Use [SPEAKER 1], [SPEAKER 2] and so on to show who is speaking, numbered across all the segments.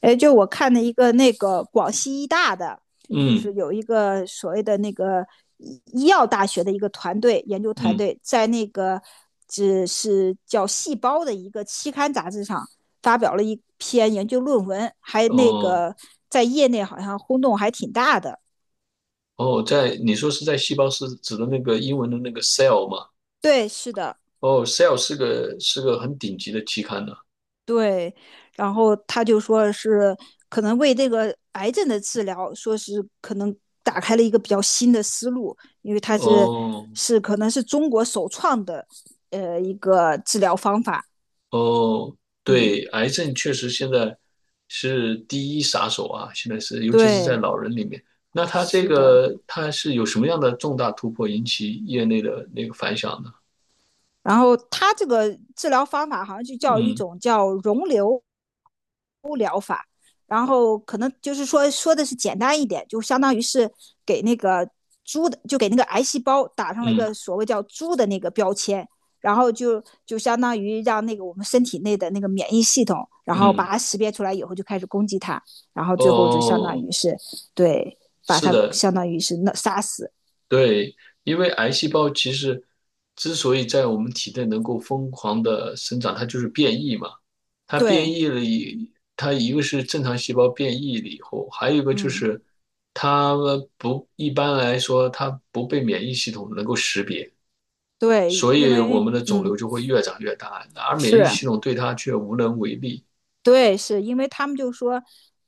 [SPEAKER 1] 哎，就我看了一个那个广西医大的，就
[SPEAKER 2] 嗯
[SPEAKER 1] 是有一个所谓的那个医药大学的一个团队研究团
[SPEAKER 2] 嗯，
[SPEAKER 1] 队，在那个只是叫《细胞》的一个期刊杂志上发表了一篇研究论文，还那
[SPEAKER 2] 哦
[SPEAKER 1] 个在业内好像轰动还挺大的。
[SPEAKER 2] 哦，在你说是在细胞是指的那个英文的那个 cell 吗？
[SPEAKER 1] 对，是的，
[SPEAKER 2] 哦，cell 是个很顶级的期刊呢。
[SPEAKER 1] 对，然后他就说是可能为这个癌症的治疗，说是可能打开了一个比较新的思路，因为它
[SPEAKER 2] 哦
[SPEAKER 1] 是可能是中国首创的一个治疗方法。
[SPEAKER 2] 哦，
[SPEAKER 1] 嗯，
[SPEAKER 2] 对，癌症确实现在是第一杀手啊，现在是尤其是在
[SPEAKER 1] 对，
[SPEAKER 2] 老人里面。那它这
[SPEAKER 1] 是的。
[SPEAKER 2] 个它是有什么样的重大突破引起业内的那个反响呢？
[SPEAKER 1] 然后他这个治疗方法好像就叫一
[SPEAKER 2] 嗯
[SPEAKER 1] 种叫溶瘤。然后可能就是说是简单一点，就相当于是给那个猪的，就给那个癌细胞打上了一
[SPEAKER 2] 嗯
[SPEAKER 1] 个所谓叫猪的那个标签，然后就相当于让那个我们身体内的那个免疫系统，然后把
[SPEAKER 2] 嗯，
[SPEAKER 1] 它识别出来以后就开始攻击它，然后最后就相当
[SPEAKER 2] 哦，
[SPEAKER 1] 于是，对，把
[SPEAKER 2] 是
[SPEAKER 1] 它
[SPEAKER 2] 的，
[SPEAKER 1] 相当于是那杀死。
[SPEAKER 2] 对，因为癌细胞其实之所以在我们体内能够疯狂的生长，它就是变异嘛。它变
[SPEAKER 1] 对，
[SPEAKER 2] 异了以，它一个是正常细胞变异了以后，还有一个就
[SPEAKER 1] 嗯，
[SPEAKER 2] 是它们不，一般来说它不被免疫系统能够识别，
[SPEAKER 1] 对，
[SPEAKER 2] 所
[SPEAKER 1] 因
[SPEAKER 2] 以我
[SPEAKER 1] 为
[SPEAKER 2] 们的肿瘤
[SPEAKER 1] 嗯
[SPEAKER 2] 就会越长越大，而免疫
[SPEAKER 1] 是。
[SPEAKER 2] 系统对它却无能为力。
[SPEAKER 1] 对，是因为他们就说，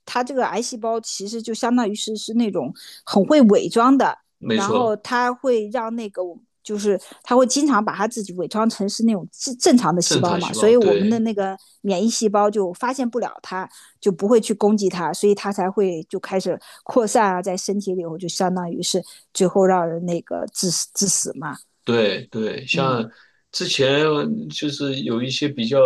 [SPEAKER 1] 他这个癌细胞其实就相当于是那种很会伪装的，
[SPEAKER 2] 没
[SPEAKER 1] 然后
[SPEAKER 2] 错，
[SPEAKER 1] 他会让那个我就是他会经常把他自己伪装成是那种正常的细
[SPEAKER 2] 正
[SPEAKER 1] 胞
[SPEAKER 2] 常
[SPEAKER 1] 嘛，
[SPEAKER 2] 细
[SPEAKER 1] 所
[SPEAKER 2] 胞，
[SPEAKER 1] 以我们的
[SPEAKER 2] 对。
[SPEAKER 1] 那个免疫细胞就发现不了它，就不会去攻击它，所以它才会就开始扩散啊，在身体里头就相当于是最后让人那个致死嘛。
[SPEAKER 2] 对对，
[SPEAKER 1] 嗯
[SPEAKER 2] 像之前就是有一些比较，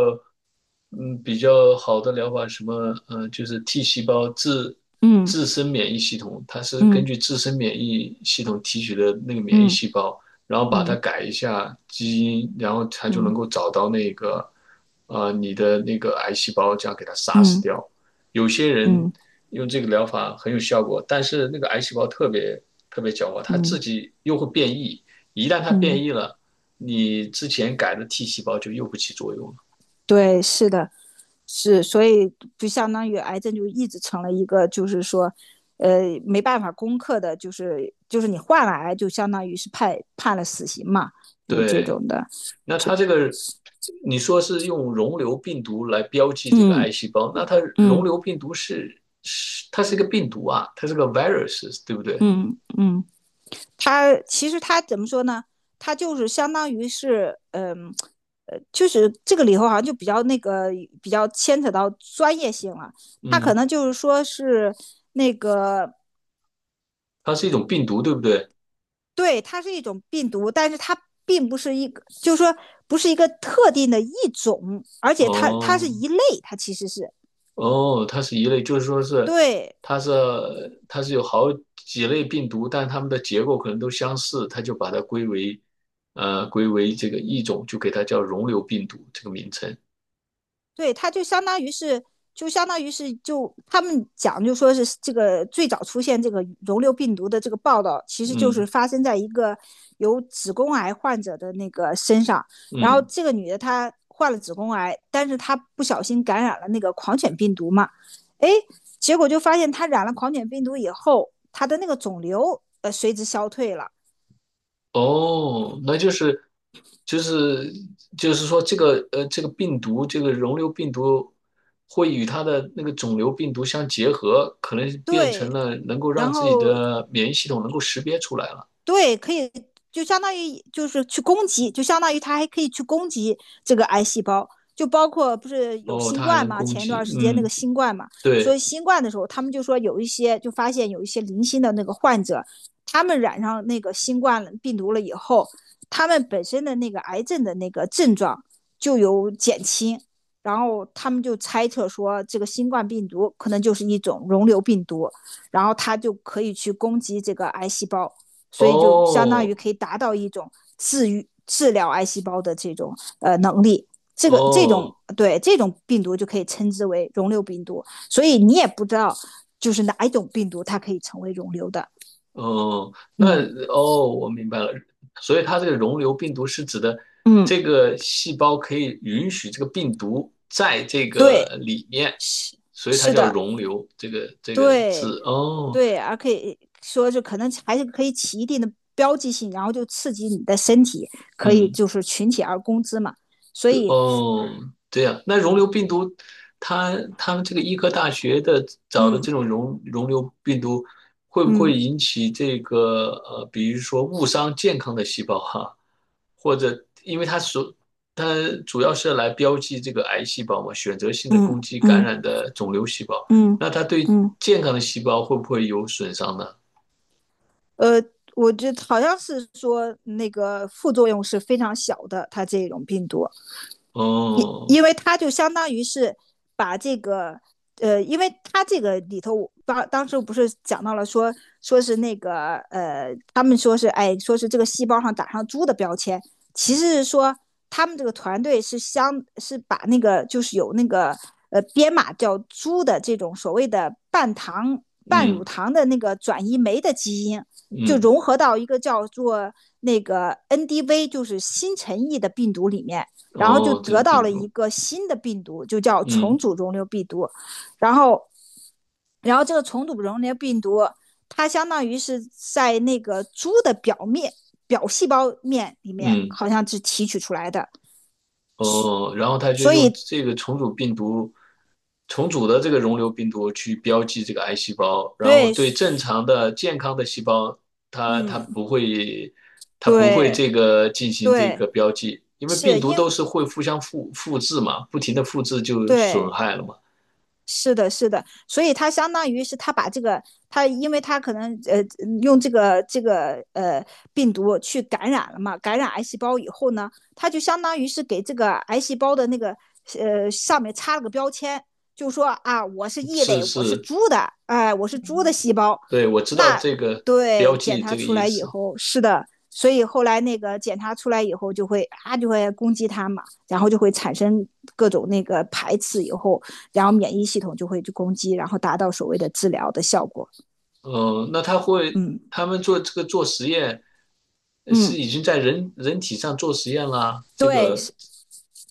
[SPEAKER 2] 嗯，比较好的疗法，什么，就是 T 细胞自
[SPEAKER 1] 嗯
[SPEAKER 2] 自身免疫系统，它是根
[SPEAKER 1] 嗯
[SPEAKER 2] 据自身免疫系统提取的那个免疫
[SPEAKER 1] 嗯
[SPEAKER 2] 细胞，然后把它
[SPEAKER 1] 嗯
[SPEAKER 2] 改一下基因，然后它就能
[SPEAKER 1] 嗯
[SPEAKER 2] 够找到那个，啊你的那个癌细胞，这样给它杀死
[SPEAKER 1] 嗯
[SPEAKER 2] 掉。有些人
[SPEAKER 1] 嗯
[SPEAKER 2] 用这个疗法很有效果，但是那个癌细胞特别特别狡猾，它
[SPEAKER 1] 嗯
[SPEAKER 2] 自
[SPEAKER 1] 嗯
[SPEAKER 2] 己又会变异。一旦它
[SPEAKER 1] 嗯。
[SPEAKER 2] 变异了，你之前改的 T 细胞就又不起作用了。
[SPEAKER 1] 对，是的，是，所以就相当于癌症就一直成了一个，就是说，没办法攻克的，就是你患了癌，就相当于是判了死刑嘛，就是这
[SPEAKER 2] 对，
[SPEAKER 1] 种的。
[SPEAKER 2] 那
[SPEAKER 1] 是。
[SPEAKER 2] 它这个你说是用溶瘤病毒来标记这个癌
[SPEAKER 1] 嗯
[SPEAKER 2] 细胞，那它溶
[SPEAKER 1] 嗯
[SPEAKER 2] 瘤病毒它是一个病毒啊，它是个 virus，对不对？
[SPEAKER 1] 嗯嗯。他其实他怎么说呢？他就是相当于是，嗯、就是这个里头好像就比较那个比较牵扯到专业性了。他可
[SPEAKER 2] 嗯，
[SPEAKER 1] 能就是说是那个，
[SPEAKER 2] 它是一种病毒，对不对？
[SPEAKER 1] 对，它是一种病毒，但是它并不是一个，就是说不是一个特定的一种，而且它是
[SPEAKER 2] 哦，
[SPEAKER 1] 一类，它其实是，
[SPEAKER 2] 哦，它是一类，就是说是
[SPEAKER 1] 对，
[SPEAKER 2] 它是它是有好几类病毒，但它们的结构可能都相似，它就把它归为这个一种，就给它叫溶瘤病毒这个名称。
[SPEAKER 1] 对，它就相当于是，就相当于是，就他们讲，就说是这个最早出现这个溶瘤病毒的这个报道，其实就是
[SPEAKER 2] 嗯
[SPEAKER 1] 发生在一个有子宫癌患者的那个身上。然后
[SPEAKER 2] 嗯，
[SPEAKER 1] 这个女的她患了子宫癌，但是她不小心感染了那个狂犬病毒嘛，哎，结果就发现她染了狂犬病毒以后，她的那个肿瘤随之消退了。
[SPEAKER 2] 哦，那就是就是说这个病毒这个溶瘤病毒会与它的那个肿瘤病毒相结合，可能变成
[SPEAKER 1] 对，
[SPEAKER 2] 了能够
[SPEAKER 1] 然
[SPEAKER 2] 让自己
[SPEAKER 1] 后
[SPEAKER 2] 的免疫系统能够识别出来了。
[SPEAKER 1] 对，可以，就相当于就是去攻击，就相当于它还可以去攻击这个癌细胞，就包括不是有
[SPEAKER 2] 哦，
[SPEAKER 1] 新
[SPEAKER 2] 它还
[SPEAKER 1] 冠
[SPEAKER 2] 能
[SPEAKER 1] 嘛，
[SPEAKER 2] 攻
[SPEAKER 1] 前一
[SPEAKER 2] 击，
[SPEAKER 1] 段时间那个
[SPEAKER 2] 嗯。
[SPEAKER 1] 新冠嘛，所以
[SPEAKER 2] 对，
[SPEAKER 1] 新冠的时候，他们就说有一些，就发现有一些零星的那个患者，他们染上那个新冠病毒了以后，他们本身的那个癌症的那个症状就有减轻，然后他们就猜测说这个新冠病毒可能就是一种溶瘤病毒，然后它就可以去攻击这个癌细胞。所以就相当于
[SPEAKER 2] 哦，
[SPEAKER 1] 可以达到一种治愈、治疗癌细胞的这种能力。这个这
[SPEAKER 2] 哦，
[SPEAKER 1] 种对这种病毒就可以称之为溶瘤病毒，所以你也不知道就是哪一种病毒它可以成为溶瘤的。
[SPEAKER 2] 哦，那
[SPEAKER 1] 嗯
[SPEAKER 2] 哦，我明白了。所以它这个溶瘤病毒是指的
[SPEAKER 1] 嗯，
[SPEAKER 2] 这个细胞可以允许这个病毒在这个
[SPEAKER 1] 对，
[SPEAKER 2] 里面，
[SPEAKER 1] 是，
[SPEAKER 2] 所以它
[SPEAKER 1] 是
[SPEAKER 2] 叫
[SPEAKER 1] 的，
[SPEAKER 2] 溶瘤这个
[SPEAKER 1] 对
[SPEAKER 2] 字。哦，
[SPEAKER 1] 对，而可以说就可能还是可以起一定的标记性，然后就刺激你的身体，可以
[SPEAKER 2] 嗯。
[SPEAKER 1] 就是群起而攻之嘛。所
[SPEAKER 2] 对，
[SPEAKER 1] 以，
[SPEAKER 2] 哦，对呀，那溶瘤病毒，他们这个医科大学的找的
[SPEAKER 1] 嗯
[SPEAKER 2] 这种溶瘤病毒，会不会
[SPEAKER 1] 嗯
[SPEAKER 2] 引起这个比如说误伤健康的细胞哈，或者因为它主要是来标记这个癌细胞嘛，选择性的攻
[SPEAKER 1] 嗯
[SPEAKER 2] 击感
[SPEAKER 1] 嗯
[SPEAKER 2] 染的肿瘤细胞，
[SPEAKER 1] 嗯嗯
[SPEAKER 2] 那它
[SPEAKER 1] 嗯。嗯
[SPEAKER 2] 对
[SPEAKER 1] 嗯嗯。
[SPEAKER 2] 健康的细胞会不会有损伤呢？
[SPEAKER 1] 呃，我觉得好像是说那个副作用是非常小的，它这种病毒，因
[SPEAKER 2] 哦，
[SPEAKER 1] 因为他就相当于是把这个，因为他这个里头，当时不是讲到了说，说是那个，他们说是哎，说是这个细胞上打上猪的标签，其实是说他们这个团队是把那个就是有那个编码叫猪的这种所谓的半糖半乳
[SPEAKER 2] 嗯
[SPEAKER 1] 糖的那个转移酶的基因。就
[SPEAKER 2] 嗯，
[SPEAKER 1] 融合到一个叫做那个 NDV，就是新陈异的病毒里面，然后就
[SPEAKER 2] 哦，这
[SPEAKER 1] 得
[SPEAKER 2] 种
[SPEAKER 1] 到
[SPEAKER 2] 病
[SPEAKER 1] 了一
[SPEAKER 2] 毒，
[SPEAKER 1] 个新的病毒，就叫重
[SPEAKER 2] 嗯
[SPEAKER 1] 组溶瘤病毒。然后，然后这个重组溶瘤病毒，它相当于是在那个猪的表细胞面里面，
[SPEAKER 2] 嗯。
[SPEAKER 1] 好像是提取出来的。
[SPEAKER 2] 哦，然后他就
[SPEAKER 1] 所
[SPEAKER 2] 用
[SPEAKER 1] 以，
[SPEAKER 2] 这个重组病毒，重组的这个溶瘤病毒去标记这个癌细胞，然后
[SPEAKER 1] 对，
[SPEAKER 2] 对正常的健康的细胞，它它不
[SPEAKER 1] 嗯，
[SPEAKER 2] 会它不会
[SPEAKER 1] 对，
[SPEAKER 2] 这个进行这
[SPEAKER 1] 对，
[SPEAKER 2] 个标记，因为病
[SPEAKER 1] 是
[SPEAKER 2] 毒都
[SPEAKER 1] 因
[SPEAKER 2] 是会互相复制嘛，不停的复制就损
[SPEAKER 1] 对。
[SPEAKER 2] 害了嘛。
[SPEAKER 1] 是的，是的，所以他相当于是他把这个，他，因为他可能，用这个病毒去感染了嘛，感染癌细胞以后呢，他就相当于是给这个癌细胞的那个上面插了个标签，就说啊我是异
[SPEAKER 2] 是
[SPEAKER 1] 类，我是
[SPEAKER 2] 是，
[SPEAKER 1] 猪的，哎、我是猪的细胞。
[SPEAKER 2] 对，我知道
[SPEAKER 1] 那，
[SPEAKER 2] 这个标
[SPEAKER 1] 对，检
[SPEAKER 2] 记这
[SPEAKER 1] 查
[SPEAKER 2] 个
[SPEAKER 1] 出
[SPEAKER 2] 意
[SPEAKER 1] 来以
[SPEAKER 2] 思。
[SPEAKER 1] 后，是的，所以后来那个检查出来以后就会啊就会攻击它嘛，然后就会产生各种那个排斥以后。然后免疫系统就会去攻击，然后达到所谓的治疗的效果。
[SPEAKER 2] 嗯，那
[SPEAKER 1] 嗯
[SPEAKER 2] 他们做这个做实验，是
[SPEAKER 1] 嗯，
[SPEAKER 2] 已经在人体上做实验啦，这
[SPEAKER 1] 对，
[SPEAKER 2] 个
[SPEAKER 1] 是，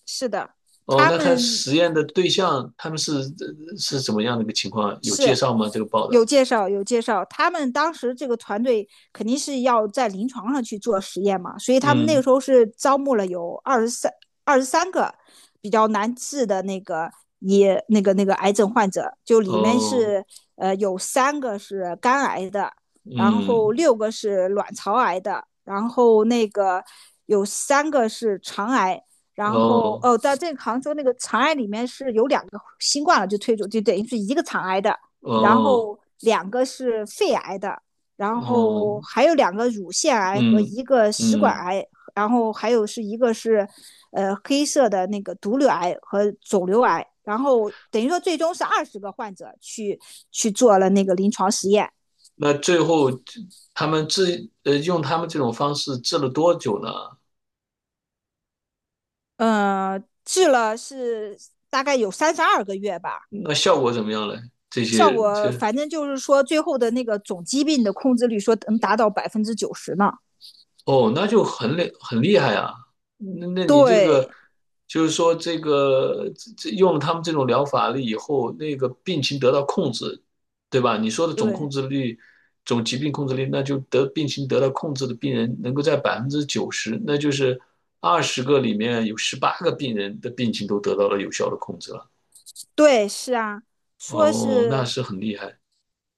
[SPEAKER 1] 是的，
[SPEAKER 2] 哦，
[SPEAKER 1] 他
[SPEAKER 2] 那他
[SPEAKER 1] 们
[SPEAKER 2] 实验的对象他们是怎么样的一个情况？有介
[SPEAKER 1] 是
[SPEAKER 2] 绍吗？这个报道？
[SPEAKER 1] 有介绍，他们当时这个团队肯定是要在临床上去做实验嘛，所以他们那个
[SPEAKER 2] 嗯，
[SPEAKER 1] 时候是招募了有二十三个比较难治的那个也那个那个癌症患者，就里面
[SPEAKER 2] 哦，
[SPEAKER 1] 是有三个是肝癌的，然
[SPEAKER 2] 嗯，
[SPEAKER 1] 后六个是卵巢癌的，然后那个有三个是肠癌，然后
[SPEAKER 2] 哦，
[SPEAKER 1] 哦，在这个杭州那个肠癌里面是有两个新冠了就推出，就等于是一个肠癌的，然
[SPEAKER 2] 哦，
[SPEAKER 1] 后两个是肺癌的，然
[SPEAKER 2] 哦，
[SPEAKER 1] 后还有两个乳腺癌和
[SPEAKER 2] 嗯，
[SPEAKER 1] 一个食管
[SPEAKER 2] 嗯，
[SPEAKER 1] 癌，然后还有是一个是黑色的那个毒瘤癌和肿瘤癌，然后等于说最终是20个患者去去做了那个临床实验，
[SPEAKER 2] 那最后他们用他们这种方式治了多久呢？
[SPEAKER 1] 呃，治了是大概有32个月吧。
[SPEAKER 2] 那效果怎么样嘞？这
[SPEAKER 1] 效
[SPEAKER 2] 些
[SPEAKER 1] 果反正就是说最后的那个总疾病的控制率说能达到90%呢。
[SPEAKER 2] 哦，那就很厉害啊！那你这个
[SPEAKER 1] 对
[SPEAKER 2] 就是说，这用了他们这种疗法了以后，那个病情得到控制，对吧？你说的总控
[SPEAKER 1] 对
[SPEAKER 2] 制率，总疾病控制率，那就得病情得到控制的病人能够在90%，那就是20个里面有18个病人的病情都得到了有效的控制了。
[SPEAKER 1] 对，是啊，说
[SPEAKER 2] 哦，那
[SPEAKER 1] 是，
[SPEAKER 2] 是很厉害。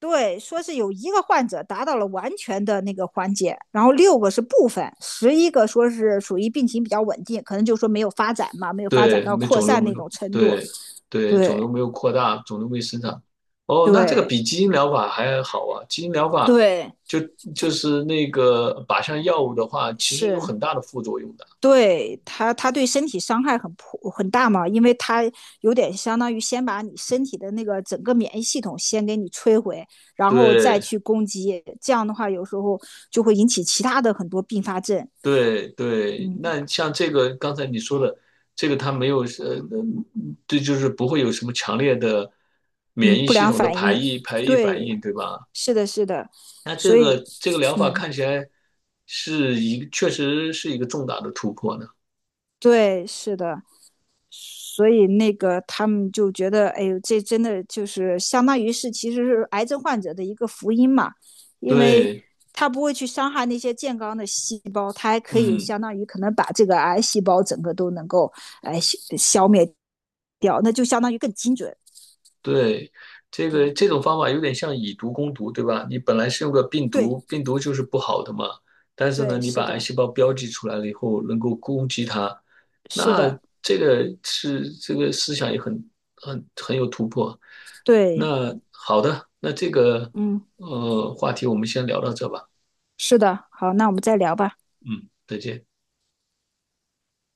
[SPEAKER 1] 对，说是有一个患者达到了完全的那个缓解，然后六个是部分，11个说是属于病情比较稳定，可能就说没有发展嘛，没有发展
[SPEAKER 2] 对，
[SPEAKER 1] 到
[SPEAKER 2] 没
[SPEAKER 1] 扩
[SPEAKER 2] 肿瘤
[SPEAKER 1] 散
[SPEAKER 2] 没
[SPEAKER 1] 那
[SPEAKER 2] 有，
[SPEAKER 1] 种程度。
[SPEAKER 2] 对对，肿瘤
[SPEAKER 1] 对
[SPEAKER 2] 没有扩大，肿瘤没生长。哦，那这个
[SPEAKER 1] 对
[SPEAKER 2] 比基因疗法还好啊。基因疗法
[SPEAKER 1] 对，
[SPEAKER 2] 就就是那个靶向药物的话，其实有
[SPEAKER 1] 是。
[SPEAKER 2] 很大的副作用的。
[SPEAKER 1] 对它，它对身体伤害很大嘛，因为它有点相当于先把你身体的那个整个免疫系统先给你摧毁，然后再去
[SPEAKER 2] 对
[SPEAKER 1] 攻击，这样的话有时候就会引起其他的很多并发症，
[SPEAKER 2] 对对，
[SPEAKER 1] 嗯
[SPEAKER 2] 那像这个刚才你说的，这个它没有这就是不会有什么强烈的免
[SPEAKER 1] 嗯，
[SPEAKER 2] 疫
[SPEAKER 1] 不
[SPEAKER 2] 系
[SPEAKER 1] 良
[SPEAKER 2] 统的
[SPEAKER 1] 反
[SPEAKER 2] 排
[SPEAKER 1] 应。
[SPEAKER 2] 异排异反应，
[SPEAKER 1] 对，
[SPEAKER 2] 对吧？
[SPEAKER 1] 是的，是的，
[SPEAKER 2] 那这
[SPEAKER 1] 所以，
[SPEAKER 2] 个这个疗法
[SPEAKER 1] 嗯，
[SPEAKER 2] 看起来是一个确实是一个重大的突破呢。
[SPEAKER 1] 对，是的。所以那个他们就觉得，哎呦，这真的就是相当于是其实是癌症患者的一个福音嘛，因为
[SPEAKER 2] 对，
[SPEAKER 1] 它不会去伤害那些健康的细胞，它还可以
[SPEAKER 2] 嗯，
[SPEAKER 1] 相当于可能把这个癌细胞整个都能够哎消灭掉，那就相当于更精准。
[SPEAKER 2] 对，这种方法有点像以毒攻毒，对吧？你本来是用个病
[SPEAKER 1] 对
[SPEAKER 2] 毒，病毒就是不好的嘛，但是呢，
[SPEAKER 1] 对，
[SPEAKER 2] 你
[SPEAKER 1] 是
[SPEAKER 2] 把癌
[SPEAKER 1] 的，
[SPEAKER 2] 细胞标记出来了以后，能够攻击它，
[SPEAKER 1] 是
[SPEAKER 2] 那
[SPEAKER 1] 的，
[SPEAKER 2] 这个是这个思想也很有突破。
[SPEAKER 1] 对，
[SPEAKER 2] 那好的，那这个
[SPEAKER 1] 嗯，
[SPEAKER 2] 话题我们先聊到这吧，
[SPEAKER 1] 是的。好，那我们再聊吧。
[SPEAKER 2] 嗯，再见。